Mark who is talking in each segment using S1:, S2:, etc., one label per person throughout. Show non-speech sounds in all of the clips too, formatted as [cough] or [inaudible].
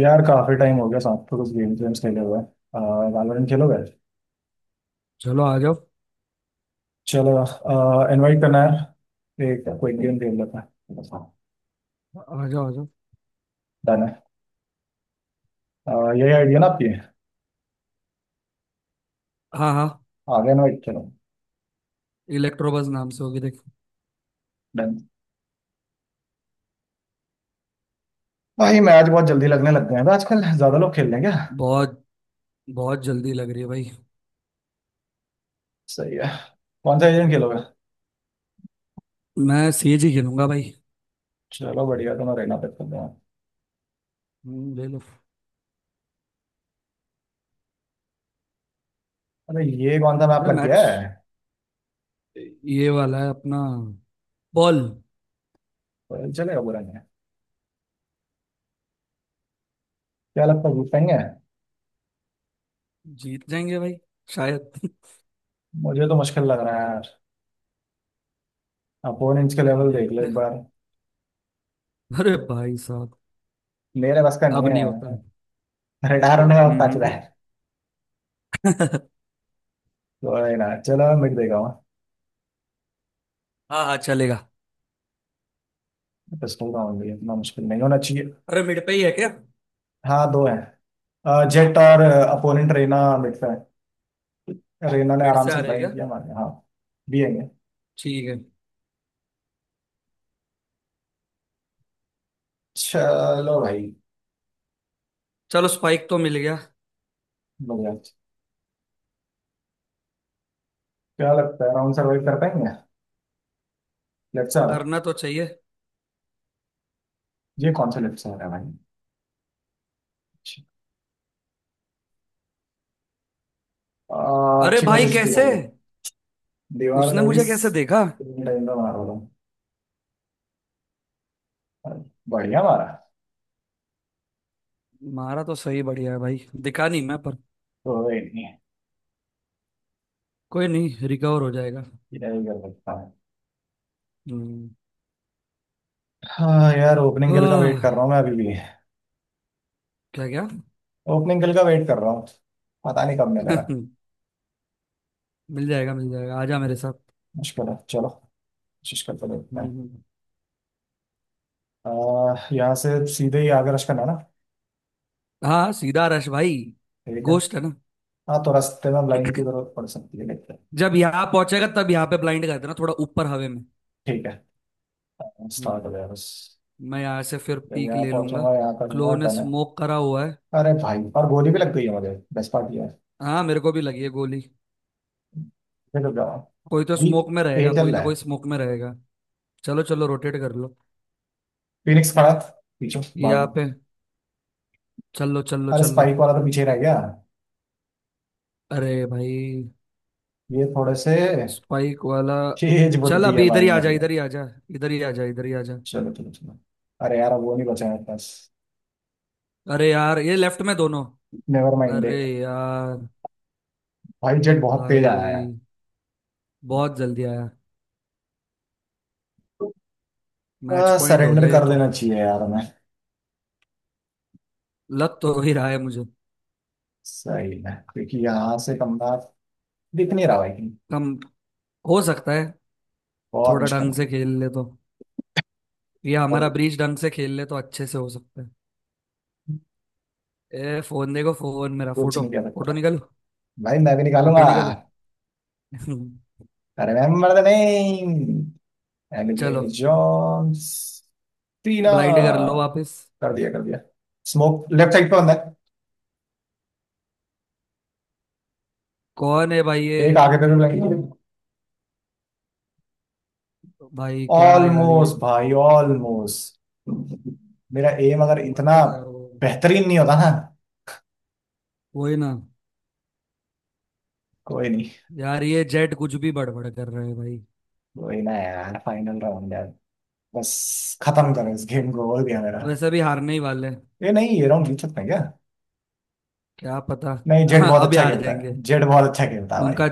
S1: यार काफी टाइम हो गया साथ में कुछ गेम्स वेम्स खेले हुए। वैलोरेंट खेलोगे।
S2: चलो आ जाओ
S1: चलो इनवाइट करना है, एक क्विक गेम खेल लेते हैं।
S2: आ जाओ आ जाओ।
S1: डन है। यही आइडिया ना आपकी।
S2: हाँ हाँ।
S1: आ गया इनवाइट, चलो।
S2: इलेक्ट्रो बस नाम से होगी देख।
S1: डन। भाई मैच बहुत जल्दी लगने लग गए हैं, आजकल ज्यादा लोग खेल रहे हैं क्या।
S2: बहुत। बहुत जल्दी लग रही है भाई।
S1: सही है। कौन सा गेम खेलोगे।
S2: मैं सीएजी ही खेलूंगा भाई।
S1: चलो बढ़िया, तो मैं रहना पे खेल रहा हूँ।
S2: ले लो।
S1: अरे ये कौन सा मैप
S2: अरे
S1: लग गया
S2: मैच
S1: है।
S2: ये वाला है अपना। बॉल।
S1: पर चलेगा, बुरा नहीं है। क्या लगता है जीत पाएंगे।
S2: जीत जाएंगे भाई। शायद [laughs]
S1: मुझे तो मुश्किल लग रहा है यार। अपोनेंट्स के लेवल देख लो
S2: देखते
S1: एक
S2: हैं।
S1: बार।
S2: अरे भाई साहब।
S1: मेरे बस का नहीं
S2: अब नहीं होता।
S1: है। रिटायर होने का वक्त आ
S2: हम्म हम्म।
S1: चुका है।
S2: [laughs]
S1: कोई ना, चलो मैं मिट देगा वहाँ।
S2: हाँ हाँ चलेगा।
S1: पिस्टल का होंगी, इतना मुश्किल नहीं होना चाहिए।
S2: अरे मिड पे ही है क्या?
S1: हाँ दो हैं। जेट और अपोनेंट रेना मिट पे हैं। रेना ने
S2: मिड
S1: आराम
S2: से
S1: से
S2: आ रहे क्या?
S1: ब्लाइंड किया मारे, हाँ। भी आएंगे।
S2: ठीक है।
S1: चलो भाई।
S2: चलो स्पाइक तो मिल गया।
S1: लोग यार। क्या लगता है राउंड सर्वाइव कर पाएंगे। लेफ्ट से आ रहा
S2: करना तो चाहिए।
S1: है। ये कौन सा लेफ्ट से आ रहा है भाई। अच्छा।
S2: अरे
S1: अच्छी
S2: भाई
S1: कोशिश थी
S2: कैसे?
S1: राहुल। दीवार
S2: उसने
S1: थोड़ी।
S2: मुझे कैसे देखा?
S1: टाइम का मार रहा हूँ। बढ़िया मारा।
S2: मारा तो सही बढ़िया है भाई दिखा नहीं मैं पर।
S1: कोई नहीं है।
S2: कोई नहीं रिकवर हो जाएगा।
S1: ये कर सकता है।
S2: हम्म।
S1: हाँ यार, ओपनिंग गिल का वेट
S2: हाँ,
S1: कर रहा हूँ मैं अभी भी।
S2: क्या क्या?
S1: ओपनिंग बिल का वेट कर रहा हूँ। पता नहीं कब मिलेगा।
S2: [laughs] मिल जाएगा आजा मेरे साथ।
S1: मुश्किल है, चलो कोशिश करके देखते हैं।
S2: हम्म।
S1: यहाँ से सीधे ही आगे रश करना है ना।
S2: हाँ सीधा रश भाई।
S1: ठीक है।
S2: गोश्त है ना?
S1: हाँ तो रास्ते में लाइन की जरूरत पड़ सकती है, देखते हैं।
S2: जब यहाँ पहुंचेगा तब यहाँ पे ब्लाइंड कर देना थोड़ा ऊपर हवे में।
S1: ठीक है,
S2: हम्म।
S1: स्टार्ट हो गया बस।
S2: मैं यहाँ से फिर
S1: जब
S2: पीक
S1: यहाँ
S2: ले लूंगा।
S1: पहुंचूंगा यहाँ करूंगा,
S2: क्लो ने
S1: डन है।
S2: स्मोक करा हुआ है।
S1: अरे भाई और गोली भी लग गई है मुझे, बेस्ट पार्ट ये है।
S2: हाँ मेरे को भी लगी है गोली।
S1: फिर रुक जाओ।
S2: कोई तो
S1: बी।
S2: स्मोक में
S1: ए
S2: रहेगा
S1: चल
S2: कोई ना
S1: रहा
S2: कोई
S1: है।
S2: स्मोक में रहेगा। चलो चलो रोटेट कर लो।
S1: फिनिक्स खड़ा था, पीछे
S2: यहाँ
S1: भाग।
S2: पे। चलो चलो
S1: अरे
S2: चलो।
S1: स्पाइक वाला तो पीछे रह गया।
S2: अरे भाई।
S1: ये थोड़े से।
S2: स्पाइक वाला।
S1: [laughs] तेज
S2: चल
S1: बुद्धि है
S2: अभी इधर
S1: भाई,
S2: ही आ
S1: मर
S2: जा
S1: गया।
S2: इधर ही आ जा। इधर ही आ जा इधर ही आ जा।
S1: चलो चलो चलो। अरे यार अब वो नहीं बचा मेरे पास।
S2: अरे यार ये लेफ्ट में दोनों।
S1: नेवर माइंड है।
S2: अरे यार।
S1: भाई जेट बहुत तेज आया है।
S2: भाई बहुत जल्दी आया। मैच पॉइंट हो
S1: सरेंडर
S2: गया ये
S1: कर
S2: तो।
S1: देना चाहिए यार हमें।
S2: लत तो हो ही रहा है मुझे।
S1: सही है क्योंकि यहाँ से कमरा दिख नहीं रहा भाई कहीं।
S2: कम हो सकता है।
S1: बहुत
S2: थोड़ा
S1: मुश्किल
S2: ढंग
S1: है।
S2: से खेल ले तो। ये हमारा
S1: और
S2: ब्रीच ढंग से खेल ले तो अच्छे से हो सकता है। ए फोन देखो फोन मेरा
S1: कुछ
S2: फोटो।
S1: नहीं कर
S2: फोटो
S1: सकता।
S2: निकालो।
S1: भाई मैं भी निकालूंगा।
S2: फोटो निकालो। [laughs]
S1: Remember the name.
S2: चलो।
S1: Elin Jones. टीना।
S2: ब्लाइंड कर लो वापस।
S1: कर दिया कर दिया। स्मोक लेफ्ट साइड पे बंदा
S2: कौन है भाई ये?
S1: है। एक आगे पे भी लगी है।
S2: भाई क्या यार ये।
S1: ऑलमोस्ट भाई ऑलमोस्ट। मेरा एम अगर इतना
S2: मरता था यार वो।
S1: बेहतरीन नहीं होता ना।
S2: वही ना।
S1: कोई नहीं।
S2: यार ये जेट कुछ भी बड़बड़ कर रहे हैं भाई।
S1: कोई ना यार, फाइनल राउंड यार। बस खत्म करो इस गेम को, हो गया मेरा।
S2: वैसे भी हारने ही वाले हैं।
S1: ये नहीं, ये राउंड जीत सकते हैं क्या।
S2: क्या पता।
S1: नहीं जेड
S2: हाँ
S1: बहुत
S2: अब ही
S1: अच्छा
S2: हार
S1: खेलता
S2: जाएंगे।
S1: है, जेड बहुत अच्छा खेलता है भाई।
S2: उनका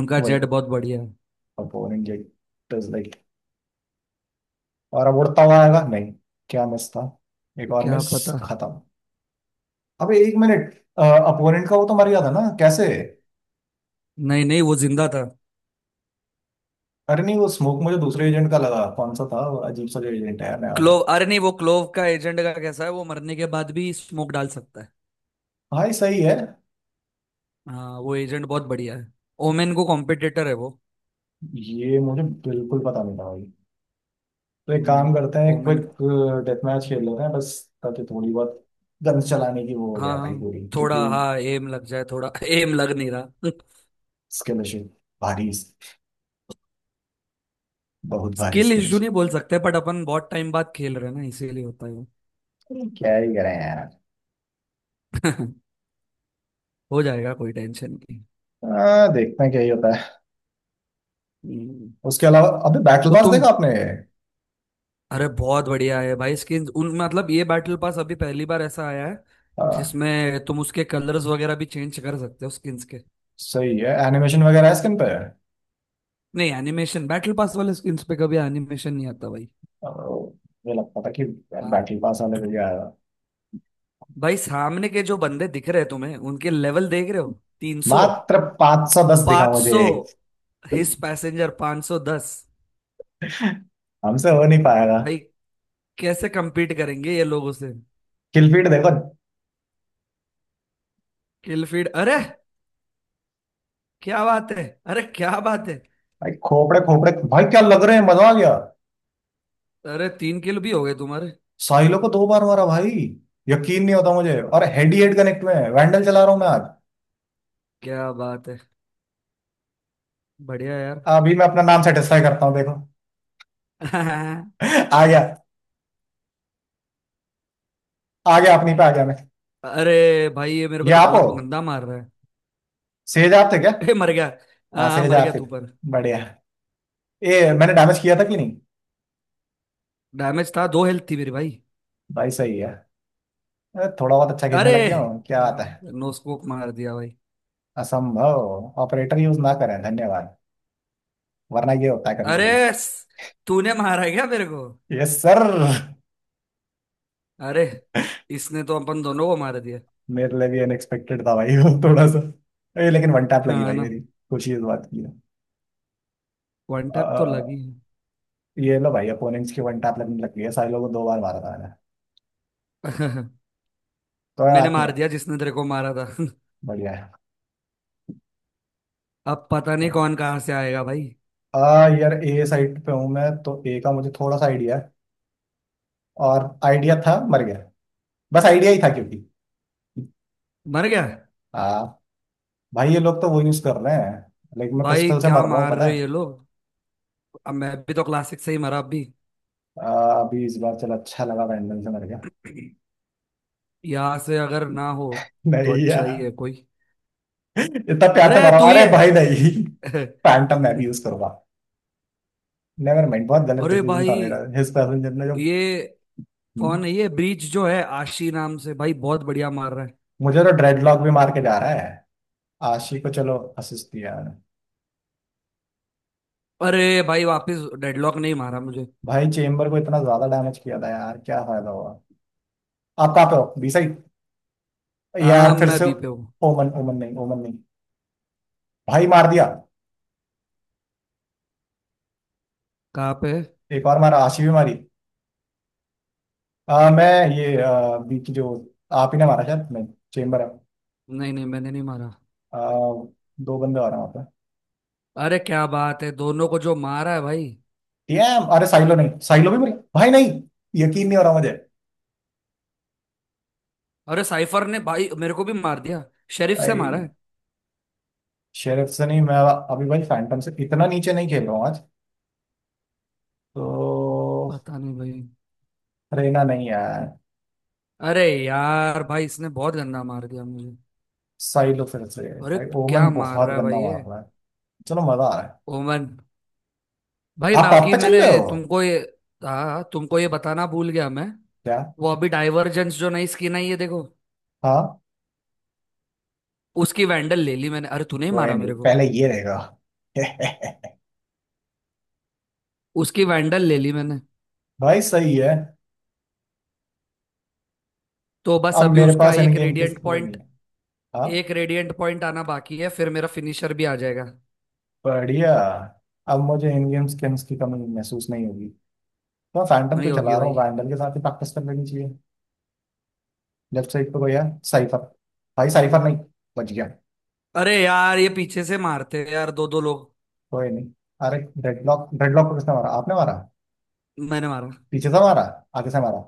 S2: उनका
S1: वो
S2: जेट
S1: एक
S2: बहुत बढ़िया है।
S1: Opponent Jett is like. और अब उड़ता हुआ आएगा नहीं। क्या मिस था। एक और
S2: क्या
S1: मिस।
S2: पता।
S1: खत्म। अबे एक मिनट। अपोनेंट का वो तो मर गया था ना, कैसे।
S2: नहीं नहीं वो जिंदा था।
S1: अरे नहीं वो स्मोक मुझे दूसरे एजेंट का लगा, कौन सा था वो अजीब सा जो एजेंट है नया वाला।
S2: क्लोव अरे नहीं वो क्लोव का एजेंट का कैसा है वो मरने के बाद भी स्मोक डाल सकता है।
S1: भाई सही है।
S2: हाँ वो एजेंट बहुत बढ़िया है। ओमेन को कॉम्पिटिटर है वो।
S1: ये मुझे बिल्कुल पता नहीं था भाई। तो एक काम
S2: हम्म,
S1: करते हैं,
S2: ओमेन।
S1: क्विक डेथ मैच खेल लेते हैं बस। ताकि थोड़ी बहुत गन चलाने की वो हो
S2: हाँ
S1: गया भाई
S2: हाँ।
S1: पूरी,
S2: थोड़ा
S1: क्योंकि
S2: हाँ एम लग जाए थोड़ा [laughs] एम लग नहीं रहा [laughs]
S1: स्किल इशू भारी, बहुत भारी
S2: स्किल
S1: स्किल
S2: इशू
S1: इशू।
S2: नहीं बोल सकते बट अपन बहुत टाइम बाद खेल रहे हैं ना इसीलिए होता है वो।
S1: क्या ही करें यार।
S2: [laughs] हो जाएगा कोई टेंशन नहीं।
S1: देखते हैं क्या ही होता है।
S2: हम्म,
S1: उसके अलावा अबे बैटल
S2: तो
S1: पास
S2: तुम।
S1: देखा आपने।
S2: अरे बहुत बढ़िया है भाई स्किन उन मतलब ये बैटल पास अभी पहली बार ऐसा आया है
S1: आ,
S2: जिसमें तुम उसके कलर्स वगैरह भी चेंज कर सकते हो स्किन्स के।
S1: सही है, एनिमेशन वगैरह है स्किन पे।
S2: नहीं एनिमेशन बैटल पास वाले स्किन्स पे कभी एनिमेशन नहीं आता भाई।
S1: आ, मुझे लगता था कि
S2: हाँ।
S1: बैटल पास वाले को क्या।
S2: भाई सामने के जो बंदे दिख रहे हैं तुम्हें उनके लेवल देख रहे हो 300।
S1: मात्र 510 दिखा
S2: पांच
S1: मुझे
S2: सौ
S1: एक।
S2: हिस पैसेंजर 510।
S1: हमसे हो नहीं पाएगा।
S2: भाई कैसे कम्पीट करेंगे ये लोगों से?
S1: किलफीड देखो।
S2: किल फीड अरे। क्या बात है। अरे क्या बात है।
S1: भाई खोपड़े खोपड़े भाई, क्या लग रहे हैं, मजा आ गया।
S2: अरे तीन किलो भी हो गए तुम्हारे।
S1: साहिलो को दो बार मारा भाई, यकीन नहीं होता मुझे। और हेड ही हेड कनेक्ट में है। वैंडल चला रहा हूं मैं आज।
S2: क्या बात है। बढ़िया यार।
S1: अभी मैं अपना नाम सेटिस्फाई करता हूँ, देखो।
S2: [laughs]
S1: आ गया। आ गया अपनी पे आ गया मैं।
S2: अरे भाई ये मेरे को
S1: ये
S2: तो
S1: आप हो।
S2: बहुत गंदा मार रहा है।
S1: सेज आप थे क्या।
S2: [laughs] ए, मर गया।
S1: हाँ
S2: हाँ हाँ
S1: सेज
S2: मर
S1: आप
S2: गया
S1: थे।
S2: तू पर।
S1: बढ़िया। ये मैंने डैमेज किया था कि नहीं।
S2: डैमेज था दो हेल्थ थी मेरी भाई।
S1: भाई सही है। थोड़ा बहुत अच्छा खेलने
S2: अरे
S1: लग गया हूँ, क्या
S2: क्या
S1: बात है।
S2: बात है नो स्कोप मार दिया भाई।
S1: असंभव ऑपरेटर यूज ना करें धन्यवाद, वरना ये होता है कभी कभी।
S2: अरे तूने मारा है क्या मेरे को?
S1: Yes sir.
S2: अरे इसने तो अपन दोनों को मार दिया।
S1: मेरे लिए भी अनएक्सपेक्टेड था भाई वो थोड़ा सा। ये लेकिन वन टैप लगी
S2: हाँ
S1: भाई
S2: ना।
S1: मेरी। खुशी इस बात की है।
S2: वन टैप तो
S1: अ,
S2: लगी
S1: ये लो भाई, अपोनेंट्स की वन टैप लगने लग गई है। सारे लोगों को दो बार मारा था मैंने
S2: है। [laughs]
S1: तो, कोई
S2: मैंने
S1: बात नहीं
S2: मार
S1: है।
S2: दिया जिसने तेरे को मारा था।
S1: बढ़िया है।
S2: [laughs] अब पता नहीं कौन कहाँ से आएगा भाई।
S1: यार ए साइड पे हूँ मैं, तो ए का मुझे थोड़ा सा आइडिया है। और आइडिया था मर गया। बस आइडिया ही था क्योंकि
S2: मर गया।
S1: आ, भाई ये लोग तो वो यूज कर रहे हैं, लेकिन मैं
S2: भाई
S1: पिस्टल से
S2: क्या
S1: मर रहा हूँ
S2: मार
S1: पता
S2: रहे
S1: है।
S2: ये लोग। अब मैं भी तो क्लासिक से ही मरा अब भी।
S1: अभी इस बार चलो अच्छा लगा, पैंडल से मर गया। [laughs]
S2: [clears throat] यहाँ से अगर ना हो तो
S1: नहीं
S2: अच्छा
S1: यार
S2: ही है कोई।
S1: इतना प्यार से
S2: अरे
S1: मरा,
S2: तू ही
S1: अरे
S2: है।
S1: भाई नहीं।
S2: [laughs]
S1: फैंटम मैं भी यूज करूंगा। नेवर माइंड, बहुत गलत
S2: अरे
S1: डिसीजन था
S2: भाई
S1: मेरा। हिज पैसेंजर ने जो,
S2: ये। कौन
S1: हम्म,
S2: है ये ब्रीच जो है आशी नाम से भाई बहुत बढ़िया मार रहा है।
S1: मुझे तो ड्रेडलॉक भी मार के जा रहा है। आशी को चलो असिस्ट किया मैंने।
S2: अरे भाई वापस डेडलॉक नहीं मारा मुझे।
S1: भाई चेम्बर को इतना ज्यादा डैमेज किया था यार, क्या फायदा हुआ। आप कहाँ पे हो, बी साइड।
S2: हाँ
S1: यार फिर
S2: मैं
S1: से
S2: बी पे हूँ।
S1: ओमन, ओमन नहीं, ओमन नहीं। भाई मार दिया।
S2: कहाँ पे?
S1: एक और मारा, आशी भी मारी। मैं ये बी की जो। आप ही ने मारा शायद, नहीं चेम्बर है।
S2: नहीं नहीं मैंने नहीं मारा।
S1: आ, दो बंदे आ रहे हैं वहाँ
S2: अरे क्या बात है दोनों को जो मारा है भाई।
S1: पे। डैम, अरे साइलो नहीं, साइलो भी मरी भाई, नहीं यकीन नहीं हो रहा मुझे।
S2: अरे साइफर ने भाई मेरे को भी मार दिया। शेरिफ से मारा
S1: आई।
S2: है।
S1: शेरिफ से नहीं मैं, अभी भाई फैंटम से इतना नीचे नहीं खेल रहा हूँ आज तो।
S2: पता नहीं भाई।
S1: रेना नहीं है।
S2: अरे यार भाई इसने बहुत गंदा मार दिया मुझे।
S1: साई लो फिर से।
S2: अरे
S1: भाई ओमन
S2: क्या मार
S1: बहुत
S2: रहा है भाई
S1: गंदा
S2: ये।
S1: मार रहा है। चलो मजा आ रहा है।
S2: ओमन। भाई
S1: आप पाप
S2: बाकी
S1: पे
S2: मैंने।
S1: चल रहे हो
S2: तुमको ये। हाँ तुमको ये बताना भूल गया मैं।
S1: क्या।
S2: वो अभी डाइवर्जेंस जो नई स्किन आई है देखो।
S1: हाँ।
S2: उसकी वैंडल ले ली मैंने अरे तूने ही
S1: कोई
S2: मारा
S1: नहीं,
S2: मेरे को।
S1: पहले ये रहेगा। [laughs]
S2: उसकी वैंडल ले ली मैंने।
S1: भाई सही है।
S2: तो बस
S1: अब
S2: अभी
S1: मेरे
S2: उसका
S1: पास इन
S2: एक
S1: गेम की
S2: रेडिएंट
S1: वो नहीं
S2: पॉइंट।
S1: है। हाँ।
S2: एक रेडिएंट पॉइंट आना बाकी है फिर मेरा फिनिशर भी आ जाएगा।
S1: बढ़िया। अब मुझे इन गेम स्किन्स की कमी महसूस नहीं होगी, तो मैं फैंटम
S2: वही
S1: क्यों
S2: होगी
S1: चला रहा हूँ,
S2: भाई।
S1: वैंडल के साथ ही प्रैक्टिस कर लेनी चाहिए। लेफ्ट साइड पे कोई है। साइफर। भाई साइफर, नहीं बच गया।
S2: अरे यार ये पीछे से मारते हैं यार दो दो लोग।
S1: कोई नहीं। अरे डेडलॉक, डेडलॉक को किसने मारा, आपने मारा।
S2: मैंने मारा।
S1: पीछे से मारा, आगे से मारा।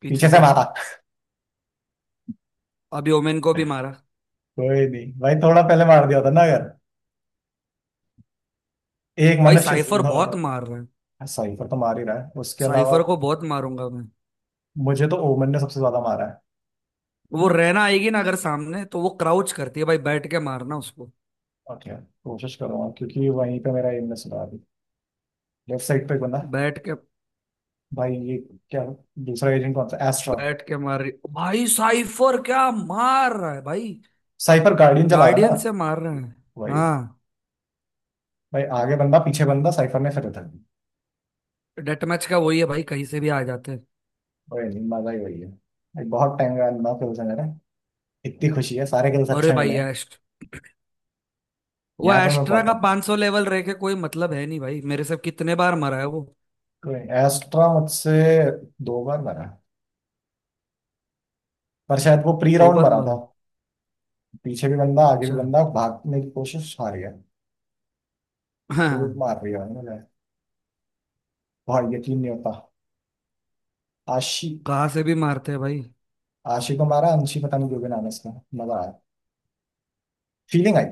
S2: पीछे
S1: पीछे से
S2: से।
S1: मारा।
S2: अभी ओमेन को भी मारा।
S1: कोई नहीं भाई, थोड़ा पहले मार दिया होता ना अगर, एक
S2: भाई
S1: मनुष्य
S2: साइफर
S1: जिंदा
S2: बहुत
S1: होता।
S2: मार रहा है।
S1: सही, पर तो मार ही रहा है उसके अलावा।
S2: साइफर को बहुत मारूंगा मैं।
S1: मुझे तो ओमन ने सबसे ज्यादा मारा है।
S2: वो रैना आएगी ना अगर सामने तो वो क्राउच करती है भाई बैठ के मारना उसको।
S1: ओके, कोशिश करूंगा क्योंकि वहीं पे मेरा एम ने सुधार। लेफ्ट साइड पे एक बंदा।
S2: बैठ के।
S1: भाई ये क्या, दूसरा एजेंट कौन सा, एस्ट्रा।
S2: बैठ के मार रही भाई साइफर क्या मार रहा है भाई।
S1: साइफर गार्डियन चला रहा है
S2: गार्डियन
S1: ना।
S2: से मार रहे हैं।
S1: वही।
S2: हाँ।
S1: भाई आगे बंदा पीछे बंदा, साइफर ने फिर उधर।
S2: डेट मैच का वही है भाई कहीं से भी आ जाते हैं।
S1: वही नहीं, मजा ही वही है। एक बहुत टाइम का ना फिर इतनी खुशी है, सारे कलर्स
S2: अरे
S1: अच्छे मिले
S2: भाई
S1: हैं।
S2: एस्ट वो
S1: यहाँ पे मैं
S2: एस्ट्रा का
S1: बॉटम था।
S2: 500 लेवल रह के कोई मतलब है नहीं भाई मेरे से कितने बार मरा है वो।
S1: कोई एस्ट्रा मुझसे दो बार मरा, पर शायद वो प्री
S2: दो
S1: राउंड
S2: बार
S1: मरा
S2: मरा
S1: था।
S2: है।
S1: पीछे भी बंदा आगे भी
S2: अच्छा।
S1: बंदा, भागने की कोशिश, हार गया। लोग
S2: हाँ।
S1: मार रही है भाई मुझे, बहुत यकीन नहीं होता। आशी।
S2: कहाँ से भी मारते हैं भाई।
S1: आशी को मारा, अंशी पता नहीं जो भी नाम है इसका। मजा आया, फीलिंग आई।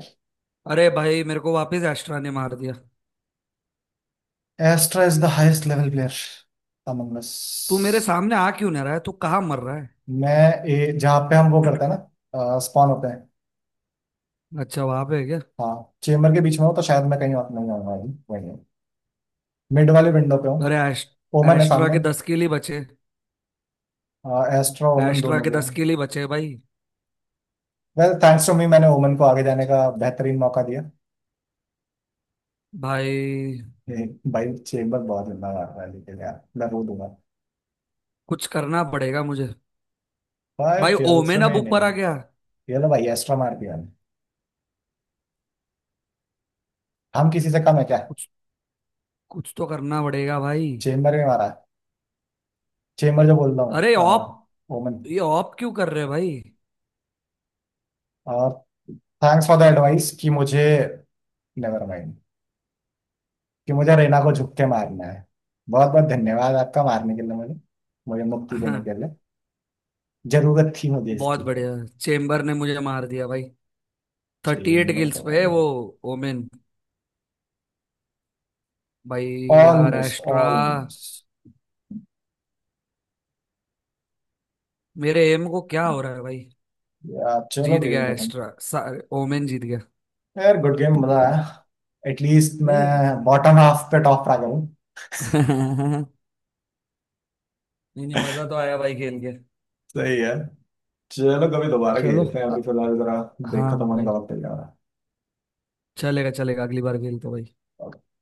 S2: अरे भाई मेरे को वापस एस्ट्रा ने मार दिया।
S1: Astra is the highest level player among
S2: तू मेरे
S1: अस।
S2: सामने आ क्यों नहीं रहा है तू कहाँ मर रहा है।
S1: मैं जहाँ पे हम वो करते हैं ना स्पॉन होते हैं।
S2: अच्छा वहां पे है क्या?
S1: हाँ चेम्बर के बीच में हो तो शायद मैं कहीं और नहीं आऊंगा अभी, वहीं मिड वाले विंडो पे हूँ।
S2: अरे
S1: ओमन है
S2: एस्ट्रा के
S1: सामने।
S2: 10 किल ही बचे।
S1: एस्ट्रा ओमन
S2: एस्ट्रा
S1: दोनों
S2: के
S1: हो गया।
S2: 10 किल ही बचे भाई।
S1: वेल थैंक्स टू मी, मैंने ओमन को आगे जाने का बेहतरीन मौका दिया।
S2: भाई
S1: ये भाई चेम्बर बहुत लंबा मार रहा है, लेकिन यार मैं रो दूंगा।
S2: कुछ करना पड़ेगा मुझे।
S1: फाइव
S2: भाई
S1: किल्स
S2: ओमेन अब
S1: रिमेनिंग।
S2: ऊपर आ गया।
S1: ये लो भाई एस्ट्रा मार दिया, हम किसी से कम है क्या।
S2: कुछ कुछ तो करना पड़ेगा भाई।
S1: चेम्बर में मारा है, चेम्बर जो बोल रहा
S2: अरे ऑप।
S1: हूँ। ओमन।
S2: ये ऑप क्यों कर रहे हो भाई? [laughs]
S1: और थैंक्स फॉर द एडवाइस कि मुझे, नेवर माइंड, कि मुझे रेना को झुक के मारना है। बहुत बहुत धन्यवाद आपका मारने के लिए मुझे, मुझे मुक्ति देने के
S2: हाँ,
S1: लिए, जरूरत थी मुझे
S2: बहुत
S1: इसकी।
S2: बढ़िया। चेम्बर ने मुझे मार दिया भाई। थर्टी एट
S1: चेम्बर तो
S2: किल्स पे है
S1: भाई
S2: वो। ओमेन। भाई। यार
S1: ऑलमोस्ट
S2: एस्ट्रा।
S1: ऑलमोस्ट।
S2: मेरे एम को क्या हो रहा है भाई?
S1: यार चलो
S2: जीत
S1: गेम
S2: गया
S1: खत्म।
S2: एस्ट्रा ओमेन जीत गया।
S1: यार गुड गेम, मजा आया। एटलीस्ट मैं
S2: नहीं।
S1: बॉटम हाफ पे टॉप आ गया हूँ।
S2: [laughs] नहीं नहीं मजा तो आया भाई खेल के।
S1: सही है। चलो कभी दोबारा
S2: चलो।
S1: खेलते हैं,
S2: अ-
S1: अभी फिलहाल जरा ब्रेक
S2: हाँ
S1: खत्म होने
S2: भाई।
S1: का वक्त हो जा रहा
S2: चलेगा चलेगा अगली बार खेलते हैं भाई।
S1: है।